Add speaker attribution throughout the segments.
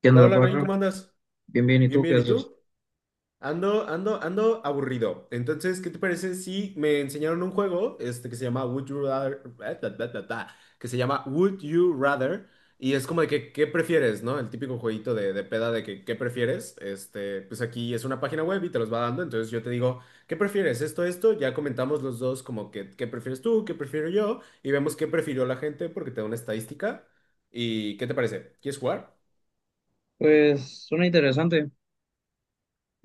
Speaker 1: ¿Qué
Speaker 2: Hola,
Speaker 1: onda,
Speaker 2: hola, Nain,
Speaker 1: Paco?
Speaker 2: ¿cómo andas?
Speaker 1: Bien, bien, ¿y
Speaker 2: Bien,
Speaker 1: tú qué
Speaker 2: bien, ¿y
Speaker 1: haces?
Speaker 2: tú? Ando aburrido. Entonces, ¿qué te parece si me enseñaron un juego este, que se llama Would You Rather, que se llama Would You Rather, y es como de que, ¿qué prefieres, no? El típico jueguito de peda de que, ¿qué prefieres? Este, pues aquí es una página web y te los va dando, entonces yo te digo, ¿qué prefieres? Ya comentamos los dos como que, ¿qué prefieres tú? ¿Qué prefiero yo? Y vemos qué prefirió la gente porque te da una estadística. ¿Y qué te parece? ¿Quieres jugar?
Speaker 1: Pues suena interesante.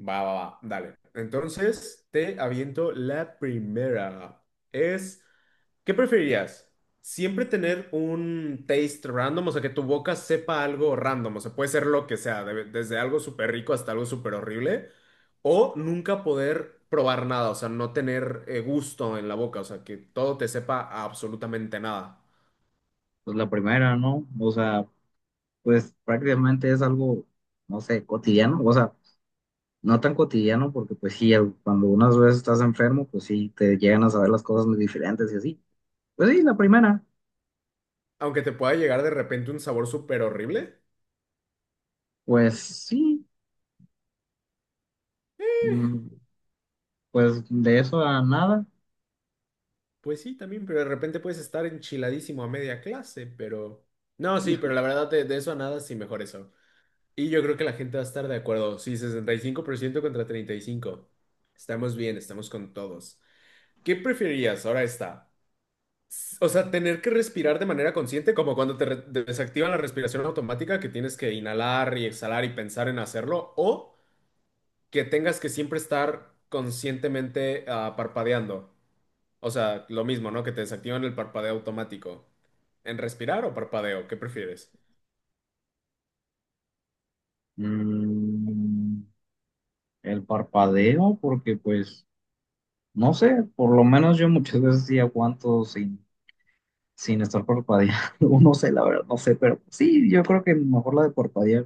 Speaker 2: Va, va, va, dale. Entonces, te aviento la primera. Es, ¿qué preferirías? ¿Siempre tener un taste random? O sea, que tu boca sepa algo random. O sea, puede ser lo que sea, desde algo súper rico hasta algo súper horrible. O nunca poder probar nada, o sea, no tener gusto en la boca, o sea, que todo te sepa a absolutamente nada.
Speaker 1: Pues la primera, ¿no? O sea, pues prácticamente es algo, no sé, cotidiano, o sea, no tan cotidiano porque pues sí, cuando unas veces estás enfermo, pues sí, te llegan a saber las cosas muy diferentes y así. Pues sí, la primera,
Speaker 2: Aunque te pueda llegar de repente un sabor súper horrible.
Speaker 1: pues sí, mm, pues de eso a nada.
Speaker 2: Pues sí, también, pero de repente puedes estar enchiladísimo a media clase, pero… No, sí, pero la verdad de eso a nada, sí, mejor eso. Y yo creo que la gente va a estar de acuerdo. Sí, 65% contra 35. Estamos bien, estamos con todos. ¿Qué preferirías? Ahora está. O sea, tener que respirar de manera consciente, como cuando te desactivan la respiración automática, que tienes que inhalar y exhalar y pensar en hacerlo, o que tengas que siempre estar conscientemente parpadeando. O sea, lo mismo, ¿no? Que te desactivan el parpadeo automático. ¿En respirar o parpadeo? ¿Qué prefieres?
Speaker 1: Mm, el parpadeo, porque pues, no sé, por lo menos yo muchas veces sí aguanto sin estar parpadeando. No, no sé, la verdad, no sé, pero sí, yo creo que mejor la de parpadear.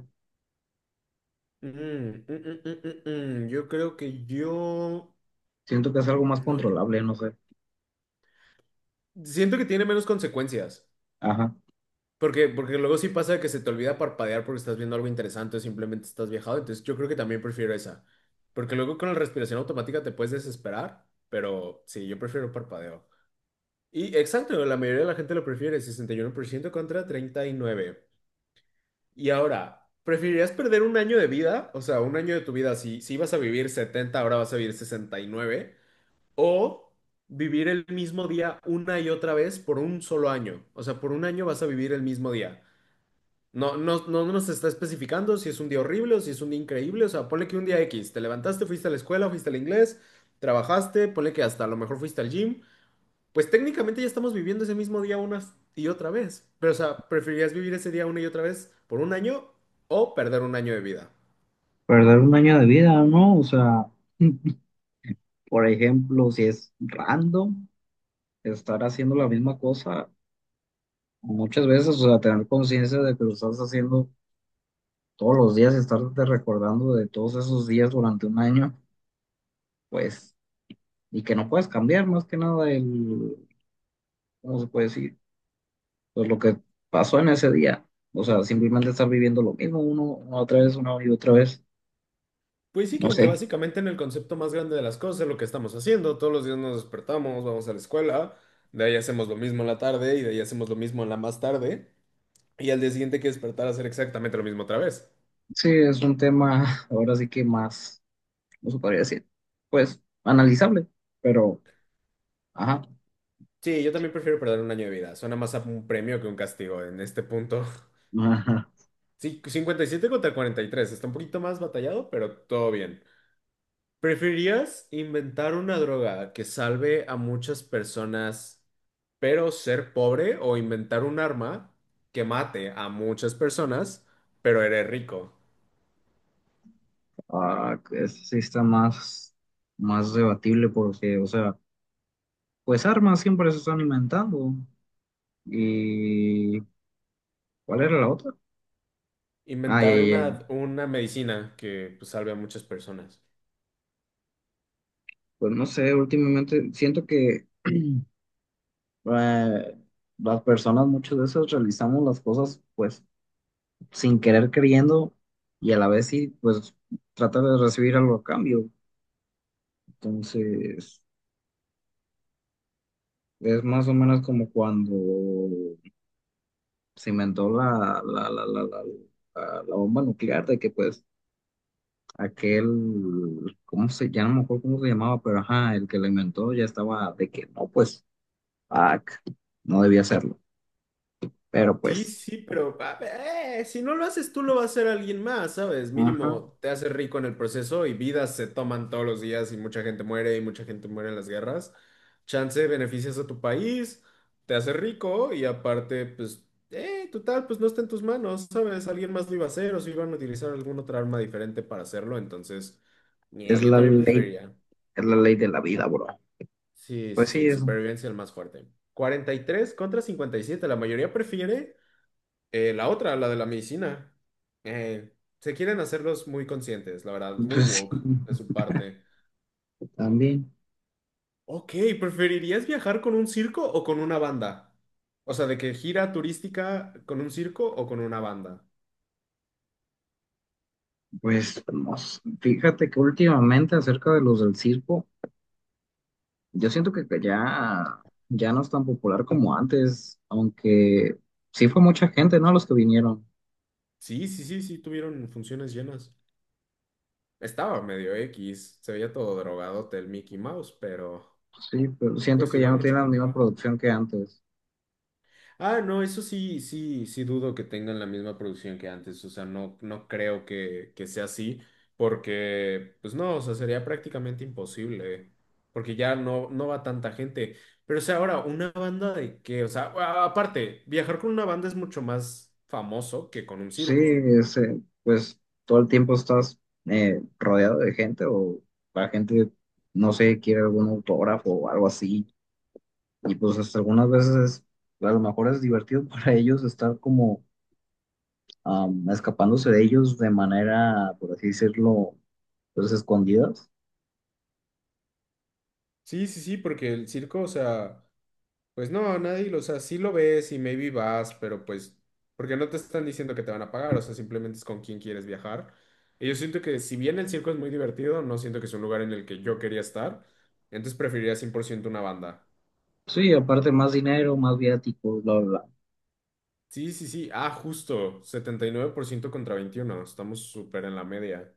Speaker 2: Mm, mm, mm, mm, mm, mm. Yo creo que yo…
Speaker 1: Siento que es algo más
Speaker 2: No, no.
Speaker 1: controlable, no sé.
Speaker 2: Siento que tiene menos consecuencias.
Speaker 1: Ajá.
Speaker 2: Porque, porque luego sí pasa que se te olvida parpadear porque estás viendo algo interesante o simplemente estás viajado. Entonces yo creo que también prefiero esa. Porque luego con la respiración automática te puedes desesperar. Pero sí, yo prefiero parpadeo. Y exacto, la mayoría de la gente lo prefiere. 61% contra 39. Y ahora, ¿preferirías perder un año de vida? O sea, un año de tu vida, si ibas a vivir 70, ahora vas a vivir 69, o vivir el mismo día una y otra vez por un solo año. O sea, por un año vas a vivir el mismo día. No, no, no nos está especificando si es un día horrible o si es un día increíble. O sea, ponle que un día X, te levantaste, fuiste a la escuela, fuiste al inglés, trabajaste, ponle que hasta a lo mejor fuiste al gym. Pues técnicamente ya estamos viviendo ese mismo día una y otra vez. Pero, o sea, ¿preferirías vivir ese día una y otra vez por un año o perder un año de vida?
Speaker 1: Perder un año de vida, ¿no? O sea, por ejemplo, si es random, estar haciendo la misma cosa muchas veces, o sea, tener conciencia de que lo estás haciendo todos los días, y estarte recordando de todos esos días durante un año, pues, y que no puedes cambiar más que nada el, ¿cómo se puede decir? Pues lo que pasó en ese día. O sea, simplemente estar viviendo lo mismo uno, una otra vez, una y otra vez.
Speaker 2: Pues sí, que
Speaker 1: No
Speaker 2: aunque
Speaker 1: sé.
Speaker 2: básicamente en el concepto más grande de las cosas es lo que estamos haciendo. Todos los días nos despertamos, vamos a la escuela, de ahí hacemos lo mismo en la tarde y de ahí hacemos lo mismo en la más tarde. Y al día siguiente hay que despertar a hacer exactamente lo mismo otra vez.
Speaker 1: Sí, es un tema ahora sí que más, ¿cómo se podría decir? Pues analizable, pero, ajá,
Speaker 2: Sí, yo también prefiero perder un año de vida. Suena más a un premio que un castigo en este punto.
Speaker 1: ajá,
Speaker 2: Sí, 57 contra 43. Está un poquito más batallado, pero todo bien. ¿Preferirías inventar una droga que salve a muchas personas, pero ser pobre, o inventar un arma que mate a muchas personas, pero eres rico?
Speaker 1: ah, sí está más, más debatible porque, o sea, pues armas siempre se están inventando. ¿Y cuál era la otra? Ah, ya, ya,
Speaker 2: Inventar una,
Speaker 1: ya.
Speaker 2: una medicina que pues, salve a muchas personas.
Speaker 1: Pues no sé, últimamente siento que eh, las personas muchas veces realizamos las cosas pues sin querer queriendo y a la vez sí pues trata de recibir algo a cambio. Entonces es más o menos como cuando se inventó la bomba nuclear de que pues aquel, ¿cómo se, ya no me acuerdo cómo se llamaba? Pero ajá, el que la inventó ya estaba de que no, pues, ah, no debía hacerlo. Pero
Speaker 2: Sí,
Speaker 1: pues,
Speaker 2: sí, pero a ver, si no lo haces tú, lo va a hacer alguien más, ¿sabes?
Speaker 1: ajá,
Speaker 2: Mínimo te hace rico en el proceso y vidas se toman todos los días y mucha gente muere y mucha gente muere en las guerras. Chance, beneficias a tu país, te hace rico y aparte, pues, total, pues no está en tus manos, ¿sabes? Alguien más lo iba a hacer o si iban a utilizar alguna otra arma diferente para hacerlo, entonces,
Speaker 1: es
Speaker 2: ñe, yo
Speaker 1: la
Speaker 2: también
Speaker 1: ley,
Speaker 2: preferiría.
Speaker 1: es la ley de la vida, bro.
Speaker 2: Sí, sí,
Speaker 1: Pues sí,
Speaker 2: sí,
Speaker 1: eso.
Speaker 2: supervivencia el más fuerte. 43 contra 57. La mayoría prefiere. La otra, la de la medicina. Eh, se quieren hacerlos muy conscientes, la verdad, muy
Speaker 1: Pues sí,
Speaker 2: woke de su parte.
Speaker 1: también.
Speaker 2: Ok, ¿preferirías viajar con un circo o con una banda? O sea, de que gira turística con un circo o con una banda.
Speaker 1: Pues no sé. Fíjate que últimamente acerca de los del circo, yo siento que ya, ya no es tan popular como antes, aunque sí fue mucha gente, ¿no? Los que vinieron.
Speaker 2: Sí, sí, sí, sí, tuvieron funciones llenas. Estaba medio X, se veía todo drogado el Mickey Mouse, pero
Speaker 1: Sí, pero siento
Speaker 2: pues
Speaker 1: que ya
Speaker 2: igual
Speaker 1: no
Speaker 2: mucha
Speaker 1: tiene la
Speaker 2: gente
Speaker 1: misma
Speaker 2: va.
Speaker 1: producción que antes.
Speaker 2: Ah, no, eso sí, sí, sí dudo que tengan la misma producción que antes, o sea, no creo que sea así, porque, pues no, o sea, sería prácticamente imposible, porque ya no, no va tanta gente. Pero, o sea, ahora, ¿una banda de qué? O sea, aparte, viajar con una banda es mucho más famoso que con un
Speaker 1: Sí,
Speaker 2: circo.
Speaker 1: ese, pues todo el tiempo estás rodeado de gente o la gente, no sé, quiere algún autógrafo o algo así. Y pues hasta algunas veces a lo mejor es divertido para ellos estar como escapándose de ellos de manera, por así decirlo, pues escondidas.
Speaker 2: Sí, sí, sí, porque el circo, o sea… Pues no, nadie, o sea, sí lo ves y maybe vas, pero pues, porque no te están diciendo que te van a pagar, o sea, simplemente es con quién quieres viajar. Y yo siento que si bien el circo es muy divertido, no siento que es un lugar en el que yo quería estar, entonces preferiría 100% una banda.
Speaker 1: Sí, aparte más dinero, más viáticos, bla, bla, bla.
Speaker 2: Sí, sí, sí, ah, justo, 79% contra 21, estamos súper en la media.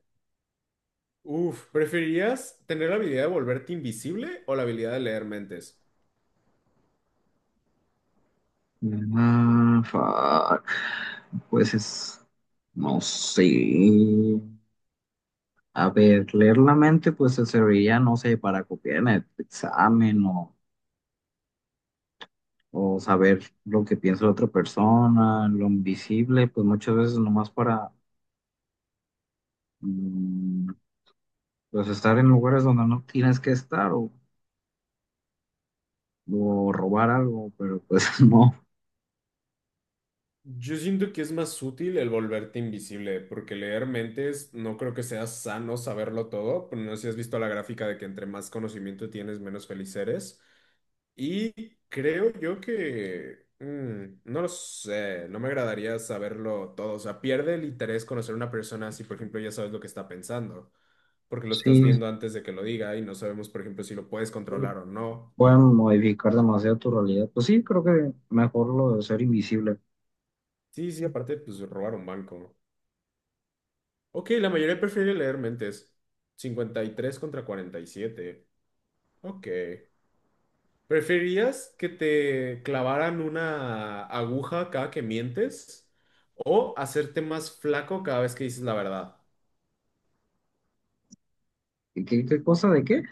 Speaker 2: Uf, ¿preferirías tener la habilidad de volverte invisible o la habilidad de leer mentes?
Speaker 1: Ah, fuck. Pues es, no sé. A ver, leer la mente pues te serviría, no sé, para copiar en el examen o saber lo que piensa la otra persona, lo invisible, pues muchas veces nomás para mm, pues estar en lugares donde no tienes que estar o robar algo, pero pues no,
Speaker 2: Yo siento que es más útil el volverte invisible, porque leer mentes no creo que sea sano saberlo todo. Pero no sé si has visto la gráfica de que entre más conocimiento tienes, menos feliz eres. Y creo yo que… mm, no lo sé, no me agradaría saberlo todo. O sea, pierde el interés conocer a una persona si, por ejemplo, ya sabes lo que está pensando, porque lo
Speaker 1: sí,
Speaker 2: estás viendo antes de que lo diga y no sabemos, por ejemplo, si lo puedes controlar
Speaker 1: sí,
Speaker 2: o no.
Speaker 1: pueden modificar demasiado tu realidad. Pues sí, creo que mejor lo de ser invisible.
Speaker 2: Sí, sí, aparte, pues robar un banco. Ok, la mayoría prefiere leer mentes. 53 contra 47. Ok. ¿Preferirías que te clavaran una aguja cada que mientes o hacerte más flaco cada vez que dices la verdad?
Speaker 1: ¿Y qué, qué cosa de qué?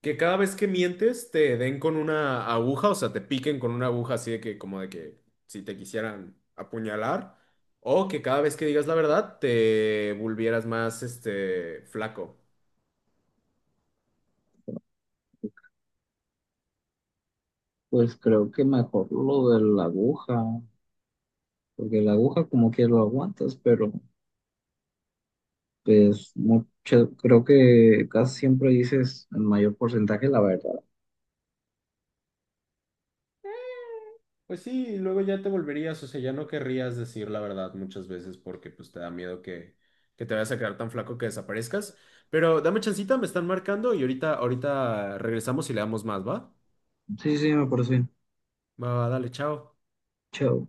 Speaker 2: Que cada vez que mientes te den con una aguja, o sea, te piquen con una aguja así de que como de que si te quisieran apuñalar o que cada vez que digas la verdad te volvieras más este flaco.
Speaker 1: Pues creo que mejor lo de la aguja, porque la aguja como que lo aguantas, pero pues mucho, creo que casi siempre dices el mayor porcentaje la verdad.
Speaker 2: Pues sí, y luego ya te volverías, o sea, ya no querrías decir la verdad muchas veces porque pues te da miedo que te vayas a quedar tan flaco que desaparezcas. Pero dame chancita, me están marcando y ahorita regresamos y le damos más, ¿va?
Speaker 1: Sí, sí, me parece bien.
Speaker 2: Va, va, dale, chao.
Speaker 1: Chao.